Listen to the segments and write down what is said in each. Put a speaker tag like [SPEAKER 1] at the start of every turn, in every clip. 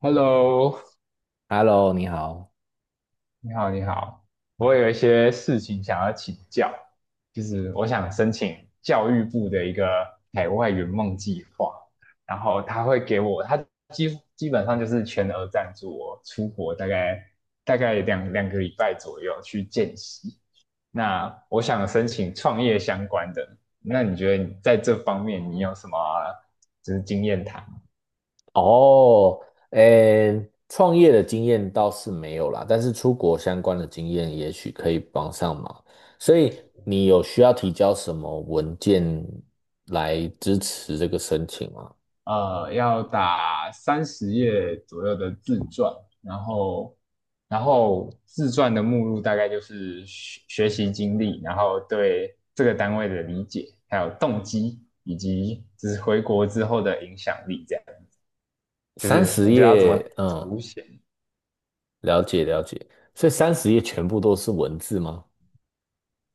[SPEAKER 1] Hello，
[SPEAKER 2] Hello，你好。
[SPEAKER 1] 你好，你好，我有一些事情想要请教，就是我想申请教育部的一个海外圆梦计划，然后他会给我，他基本上就是全额赞助我出国大概两个礼拜左右去见习。那我想申请创业相关的，那你觉得你在这方面你有什么就是经验谈？
[SPEAKER 2] 哦，创业的经验倒是没有啦，但是出国相关的经验也许可以帮上忙。所以你有需要提交什么文件来支持这个申请吗？
[SPEAKER 1] 要打30页左右的自传，然后，然后自传的目录大概就是学习经历，然后对这个单位的理解，还有动机，以及就是回国之后的影响力，这样子，就
[SPEAKER 2] 三
[SPEAKER 1] 是你
[SPEAKER 2] 十
[SPEAKER 1] 觉得要怎么
[SPEAKER 2] 页，嗯，
[SPEAKER 1] 凸显？
[SPEAKER 2] 了解了解。所以三十页全部都是文字吗？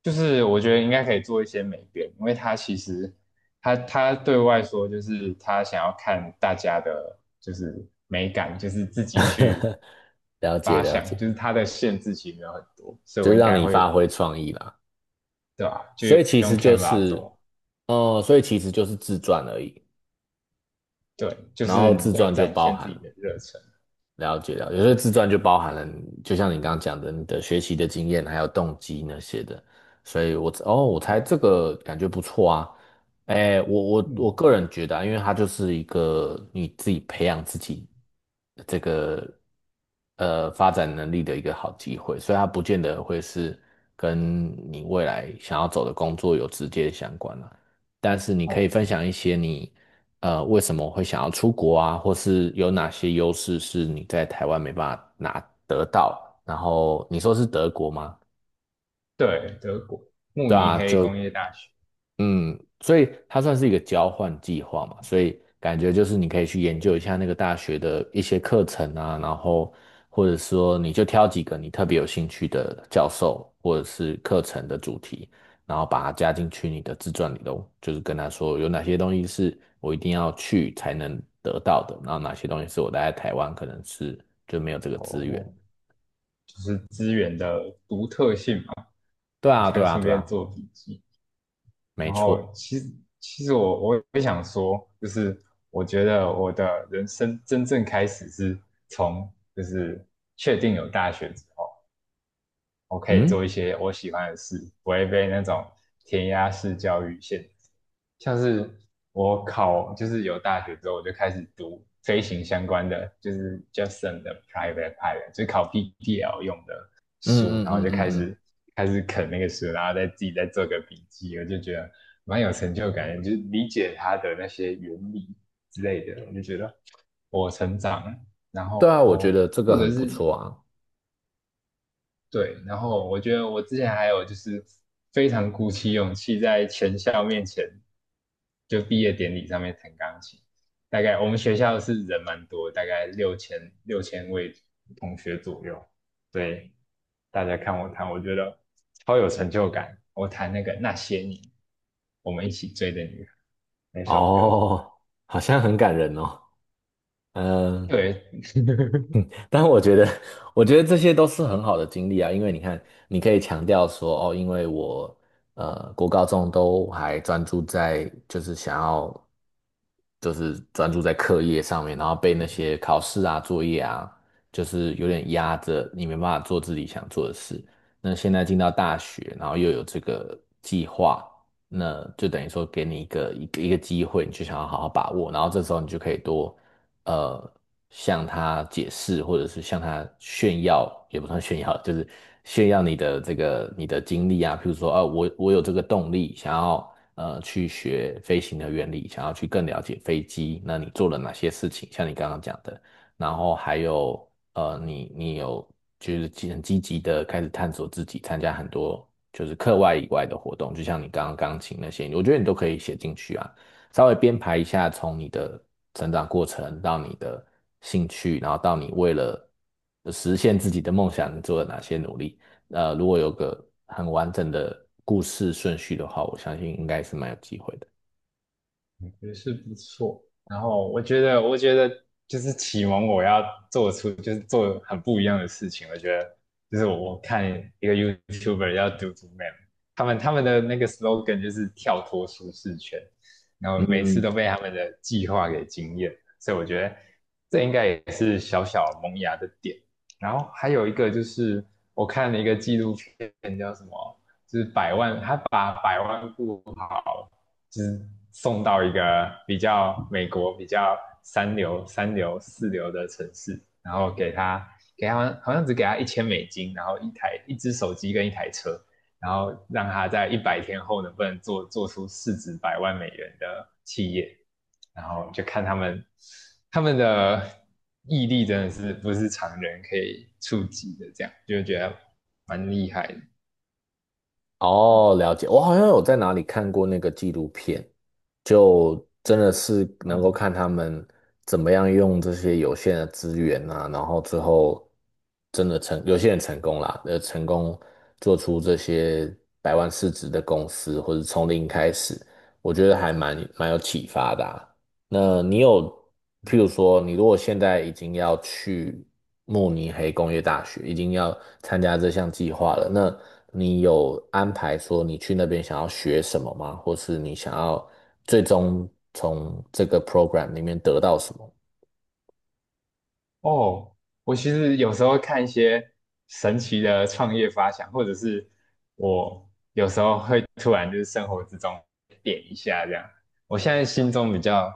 [SPEAKER 1] 就是我觉得应该可以做一些美编，因为他其实他对外说就是他想要看大家的，就是美感，就是自己去
[SPEAKER 2] 了解
[SPEAKER 1] 发
[SPEAKER 2] 了
[SPEAKER 1] 想，就
[SPEAKER 2] 解，
[SPEAKER 1] 是他的限制其实没有很多，所以
[SPEAKER 2] 就
[SPEAKER 1] 我
[SPEAKER 2] 是
[SPEAKER 1] 应
[SPEAKER 2] 让
[SPEAKER 1] 该
[SPEAKER 2] 你
[SPEAKER 1] 会
[SPEAKER 2] 发挥创意啦。
[SPEAKER 1] 对吧？就
[SPEAKER 2] 所以其
[SPEAKER 1] 用
[SPEAKER 2] 实就
[SPEAKER 1] Canva
[SPEAKER 2] 是，
[SPEAKER 1] 做，
[SPEAKER 2] 哦、所以其实就是自传而已。
[SPEAKER 1] 对，就
[SPEAKER 2] 然
[SPEAKER 1] 是
[SPEAKER 2] 后
[SPEAKER 1] 你
[SPEAKER 2] 自
[SPEAKER 1] 要
[SPEAKER 2] 传就
[SPEAKER 1] 展
[SPEAKER 2] 包
[SPEAKER 1] 现自
[SPEAKER 2] 含
[SPEAKER 1] 己的热忱，
[SPEAKER 2] 了解了解，有些自传就包含了，就像你刚刚讲的，你的学习的经验还有动机那些的，所以我猜
[SPEAKER 1] 对，
[SPEAKER 2] 这个感觉不错啊。哎，我
[SPEAKER 1] 嗯，
[SPEAKER 2] 我个人觉得啊，因为它就是一个你自己培养自己这个发展能力的一个好机会，所以它不见得会是跟你未来想要走的工作有直接相关啊。但是你可以
[SPEAKER 1] 哦，
[SPEAKER 2] 分享一些你为什么会想要出国啊，或是有哪些优势是你在台湾没办法拿得到。然后你说是德国吗？
[SPEAKER 1] 对，德国慕
[SPEAKER 2] 对
[SPEAKER 1] 尼
[SPEAKER 2] 啊，
[SPEAKER 1] 黑工业大学，
[SPEAKER 2] 嗯，所以它算是一个交换计划嘛，所以感觉就是你可以去研究一下那个大学的一些课程啊，然后或者说你就挑几个你特别有兴趣的教授或者是课程的主题，然后把它加进去你的自传里头，就是跟他说有哪些东西是我一定要去才能得到的，然后哪些东西是我待在台湾可能是就没有这个资源。
[SPEAKER 1] 哦，就是资源的独特性嘛，
[SPEAKER 2] 对
[SPEAKER 1] 我
[SPEAKER 2] 啊，
[SPEAKER 1] 现
[SPEAKER 2] 对
[SPEAKER 1] 在
[SPEAKER 2] 啊，
[SPEAKER 1] 顺
[SPEAKER 2] 对
[SPEAKER 1] 便
[SPEAKER 2] 啊，
[SPEAKER 1] 做笔记。
[SPEAKER 2] 没
[SPEAKER 1] 然后
[SPEAKER 2] 错，
[SPEAKER 1] 其实我也想说，就是我觉得我的人生真正开始是从就是确定有大学之后。我可以做
[SPEAKER 2] 嗯
[SPEAKER 1] 一些我喜欢的事，不会被那种填鸭式教育限制。像是我考，就是有大学之后，我就开始读飞行相关的，就是 Justin 的 Private Pilot，就是考 PPL 用的
[SPEAKER 2] 嗯
[SPEAKER 1] 书，
[SPEAKER 2] 嗯
[SPEAKER 1] 然后
[SPEAKER 2] 嗯嗯
[SPEAKER 1] 就开
[SPEAKER 2] 嗯，嗯
[SPEAKER 1] 始开始啃那个书，然后再自己再做个笔记，我就觉得蛮有成就感的，就是理解它的那些原理之类的，我就觉得我成长了然
[SPEAKER 2] 对
[SPEAKER 1] 后
[SPEAKER 2] 啊，我觉得这个
[SPEAKER 1] 或者
[SPEAKER 2] 很不
[SPEAKER 1] 是
[SPEAKER 2] 错啊。
[SPEAKER 1] 对，然后我觉得我之前还有就是非常鼓起勇气在全校面前就毕业典礼上面弹钢琴。大概我们学校是人蛮多，大概六千位同学左右，对，大家看我弹，我觉得超有成就感。我弹那个那些年我们一起追的女孩那首歌，
[SPEAKER 2] 哦，好像很感人哦。嗯、
[SPEAKER 1] 对，
[SPEAKER 2] 但我觉得，我觉得这些都是很好的经历啊，因为你看，你可以强调说，哦，因为我国高中都还专注在就是想要就是专注在课业上面，然后被那些考试啊、作业啊，就是有点压着，你没办法做自己想做的事。那现在进到大学，然后又有这个计划，那就等于说给你一个机会，你就想要好好把握，然后这时候你就可以多呃。向他解释，或者是向他炫耀，也不算炫耀，就是炫耀你的这个你的经历啊。譬如说，啊，我有这个动力，想要去学飞行的原理，想要去更了解飞机。那你做了哪些事情？像你刚刚讲的，然后还有你有就是积积极的开始探索自己，参加很多就是课外以外的活动，就像你刚刚钢琴那些，我觉得你都可以写进去啊。稍微编排一下，从你的成长过程到你的兴趣，然后到你为了实现自己的梦想，你做了哪些努力。如果有个很完整的故事顺序的话，我相信应该是蛮有机会的。
[SPEAKER 1] 也是不错。然后我觉得就是启蒙我要做出就是做很不一样的事情。我觉得就是我看一个 YouTuber 要读读 MAN 他们的那个 slogan 就是跳脱舒适圈，然后每次
[SPEAKER 2] 嗯，
[SPEAKER 1] 都被他们的计划给惊艳，所以我觉得这应该也是小小萌芽的点。然后还有一个就是我看了一个纪录片，叫什么？就是百万，他把百万富好。就是送到一个比较美国比较三流、三流、四流的城市，然后给他好像只给他1,000美金，然后一台一只手机跟一台车，然后让他在100天后能不能做出市值100万美元的企业，然后就看他们的毅力真的是不是常人可以触及的，这样就觉得蛮厉害的。
[SPEAKER 2] 哦，了解。我好像有在哪里看过那个纪录片，就真的是能够
[SPEAKER 1] 嗯，
[SPEAKER 2] 看他们怎么样用这些有限的资源啊，然后最后真的成，有些人成功啦，成功做出这些100万市值的公司，或者从零开始，我觉得还蛮有启发的啊。那你有，譬如说，你如果现在已经要去慕尼黑工业大学，已经要参加这项计划了，那你有安排说你去那边想要学什么吗？或是你想要最终从这个 program 里面得到什么？
[SPEAKER 1] 哦，我其实有时候看一些神奇的创业发想，或者是我有时候会突然就是生活之中点一下这样。我现在心中比较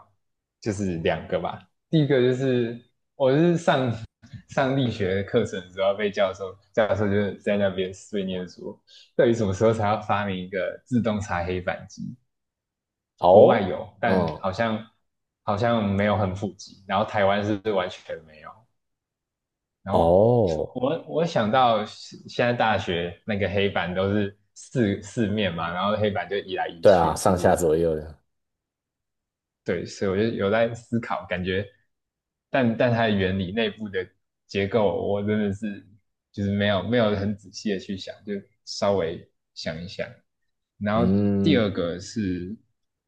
[SPEAKER 1] 就是两个吧，第一个就是我是上 上力学课程的时候被教授就是在那边碎念说，到底什么时候才要发明一个自动擦黑板机？国外
[SPEAKER 2] 哦
[SPEAKER 1] 有，但
[SPEAKER 2] 嗯，
[SPEAKER 1] 好像没有很普及，然后台湾是完全没有。然后
[SPEAKER 2] 哦，
[SPEAKER 1] 我想到现在大学那个黑板都是四面嘛，然后黑板就移来移
[SPEAKER 2] 对啊，
[SPEAKER 1] 去，其
[SPEAKER 2] 上下
[SPEAKER 1] 实
[SPEAKER 2] 左右的，
[SPEAKER 1] 对，所以我就有在思考，感觉，但它的原理内部的结构，我真的是就是没有很仔细的去想，就稍微想一想。然后第
[SPEAKER 2] 嗯，
[SPEAKER 1] 二个是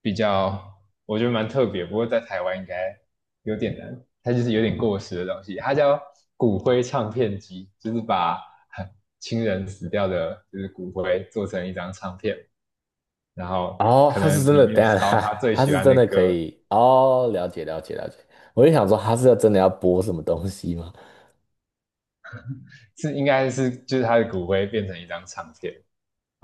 [SPEAKER 1] 比较，我觉得蛮特别，不过在台湾应该有点难，它就是有点过时的东西，它叫骨灰唱片机，就是把 亲人死掉的，就是骨灰做成一张唱片。然后
[SPEAKER 2] 哦，
[SPEAKER 1] 可
[SPEAKER 2] 他是
[SPEAKER 1] 能
[SPEAKER 2] 真
[SPEAKER 1] 里
[SPEAKER 2] 的，
[SPEAKER 1] 面
[SPEAKER 2] 等一下
[SPEAKER 1] 烧
[SPEAKER 2] 他
[SPEAKER 1] 他 最
[SPEAKER 2] 他
[SPEAKER 1] 喜
[SPEAKER 2] 是
[SPEAKER 1] 欢
[SPEAKER 2] 真
[SPEAKER 1] 的
[SPEAKER 2] 的可
[SPEAKER 1] 歌，
[SPEAKER 2] 以，哦，了解了解了解，我就想说他是要真的要播什么东西吗？
[SPEAKER 1] 是应该是就是他的骨灰变成一张唱片，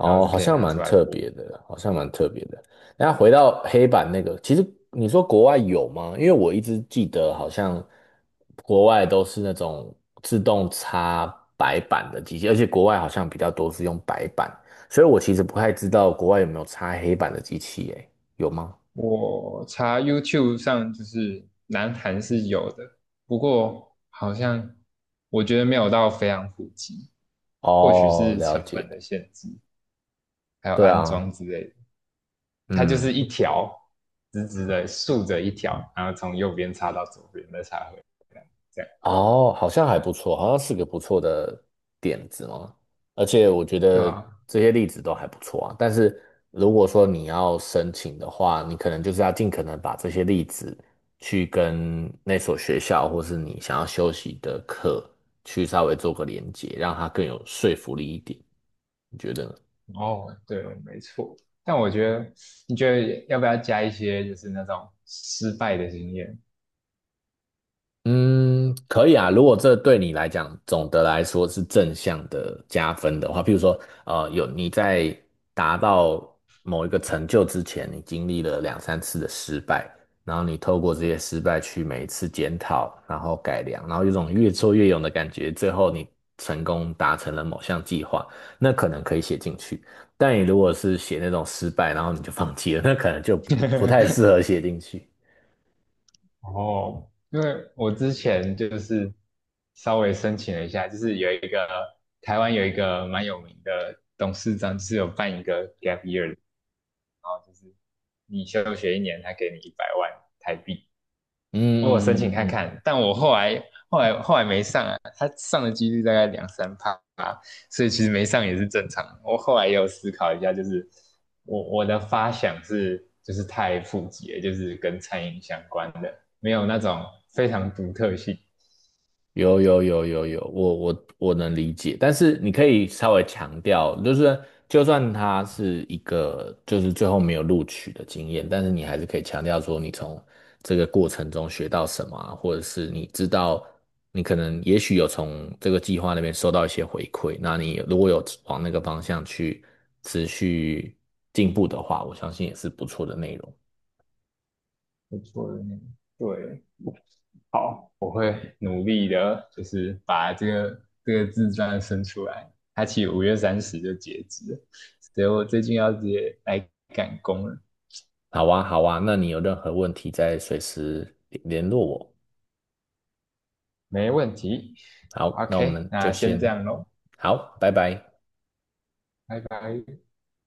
[SPEAKER 1] 然后是
[SPEAKER 2] 好
[SPEAKER 1] 可以
[SPEAKER 2] 像
[SPEAKER 1] 拿
[SPEAKER 2] 蛮
[SPEAKER 1] 出来
[SPEAKER 2] 特
[SPEAKER 1] 播。
[SPEAKER 2] 别的，好像蛮特别的。那回到黑板那个，其实你说国外有吗？因为我一直记得好像国外都是那种自动擦白板的机器，而且国外好像比较多是用白板，所以我其实不太知道国外有没有擦黑板的机器，诶，有吗？
[SPEAKER 1] 我查 YouTube 上就是南韩是有的，不过好像我觉得没有到非常普及，或许
[SPEAKER 2] 哦，
[SPEAKER 1] 是
[SPEAKER 2] 了
[SPEAKER 1] 成
[SPEAKER 2] 解，
[SPEAKER 1] 本的限制，还有
[SPEAKER 2] 对
[SPEAKER 1] 安装
[SPEAKER 2] 啊，
[SPEAKER 1] 之类的。它就
[SPEAKER 2] 嗯。
[SPEAKER 1] 是一条直直的竖着一条，然后从右边插到左边，再插回来，这样
[SPEAKER 2] 哦，好像还不错，好像是个不错的点子嘛。而且我觉
[SPEAKER 1] 对
[SPEAKER 2] 得
[SPEAKER 1] 吧、
[SPEAKER 2] 这些例子都还不错啊。但是如果说你要申请的话，你可能就是要尽可能把这些例子去跟那所学校或是你想要休息的课去稍微做个连接，让它更有说服力一点。你觉得呢？
[SPEAKER 1] 哦，对，没错。但我觉得，你觉得要不要加一些就是那种失败的经验？
[SPEAKER 2] 嗯，可以啊。如果这对你来讲，总的来说是正向的加分的话，譬如说，有你在达到某一个成就之前，你经历了2、3次的失败，然后你透过这些失败去每一次检讨，然后改良，然后有种越挫越勇的感觉，最后你成功达成了某项计划，那可能可以写进去。但你如果是写那种失败，然后你就放弃了，那可能就不太适合 写进去。
[SPEAKER 1] 哦，因为我之前就是稍微申请了一下，就是有一个台湾有一个蛮有名的董事长，就是有办一个 gap year，你休学一年，他给你100万台币，
[SPEAKER 2] 嗯
[SPEAKER 1] 我申请
[SPEAKER 2] 嗯嗯嗯
[SPEAKER 1] 看
[SPEAKER 2] 嗯。
[SPEAKER 1] 看，但我后来没上啊，他上的几率大概两三趴，所以其实没上也是正常我后来也有思考一下，就是我的发想是就是太普及了，就是跟餐饮相关的，没有那种非常独特性。
[SPEAKER 2] 有有有有有，我我能理解，但是你可以稍微强调，就是就算他是一个就是最后没有录取的经验，但是你还是可以强调说你从这个过程中学到什么啊，或者是你知道你可能也许有从这个计划那边收到一些回馈，那你如果有往那个方向去持续进步的话，我相信也是不错的内容。
[SPEAKER 1] 不错的对，好，我会努力的，就是把这个自传生出来。它其实5月30日就截止了，所以我最近要直接来赶工了。
[SPEAKER 2] 好啊，好啊，那你有任何问题再随时联络我。
[SPEAKER 1] 没问题。
[SPEAKER 2] 好，那我
[SPEAKER 1] OK，
[SPEAKER 2] 们就
[SPEAKER 1] 那先这
[SPEAKER 2] 先
[SPEAKER 1] 样喽，
[SPEAKER 2] 好，拜拜。
[SPEAKER 1] 拜拜。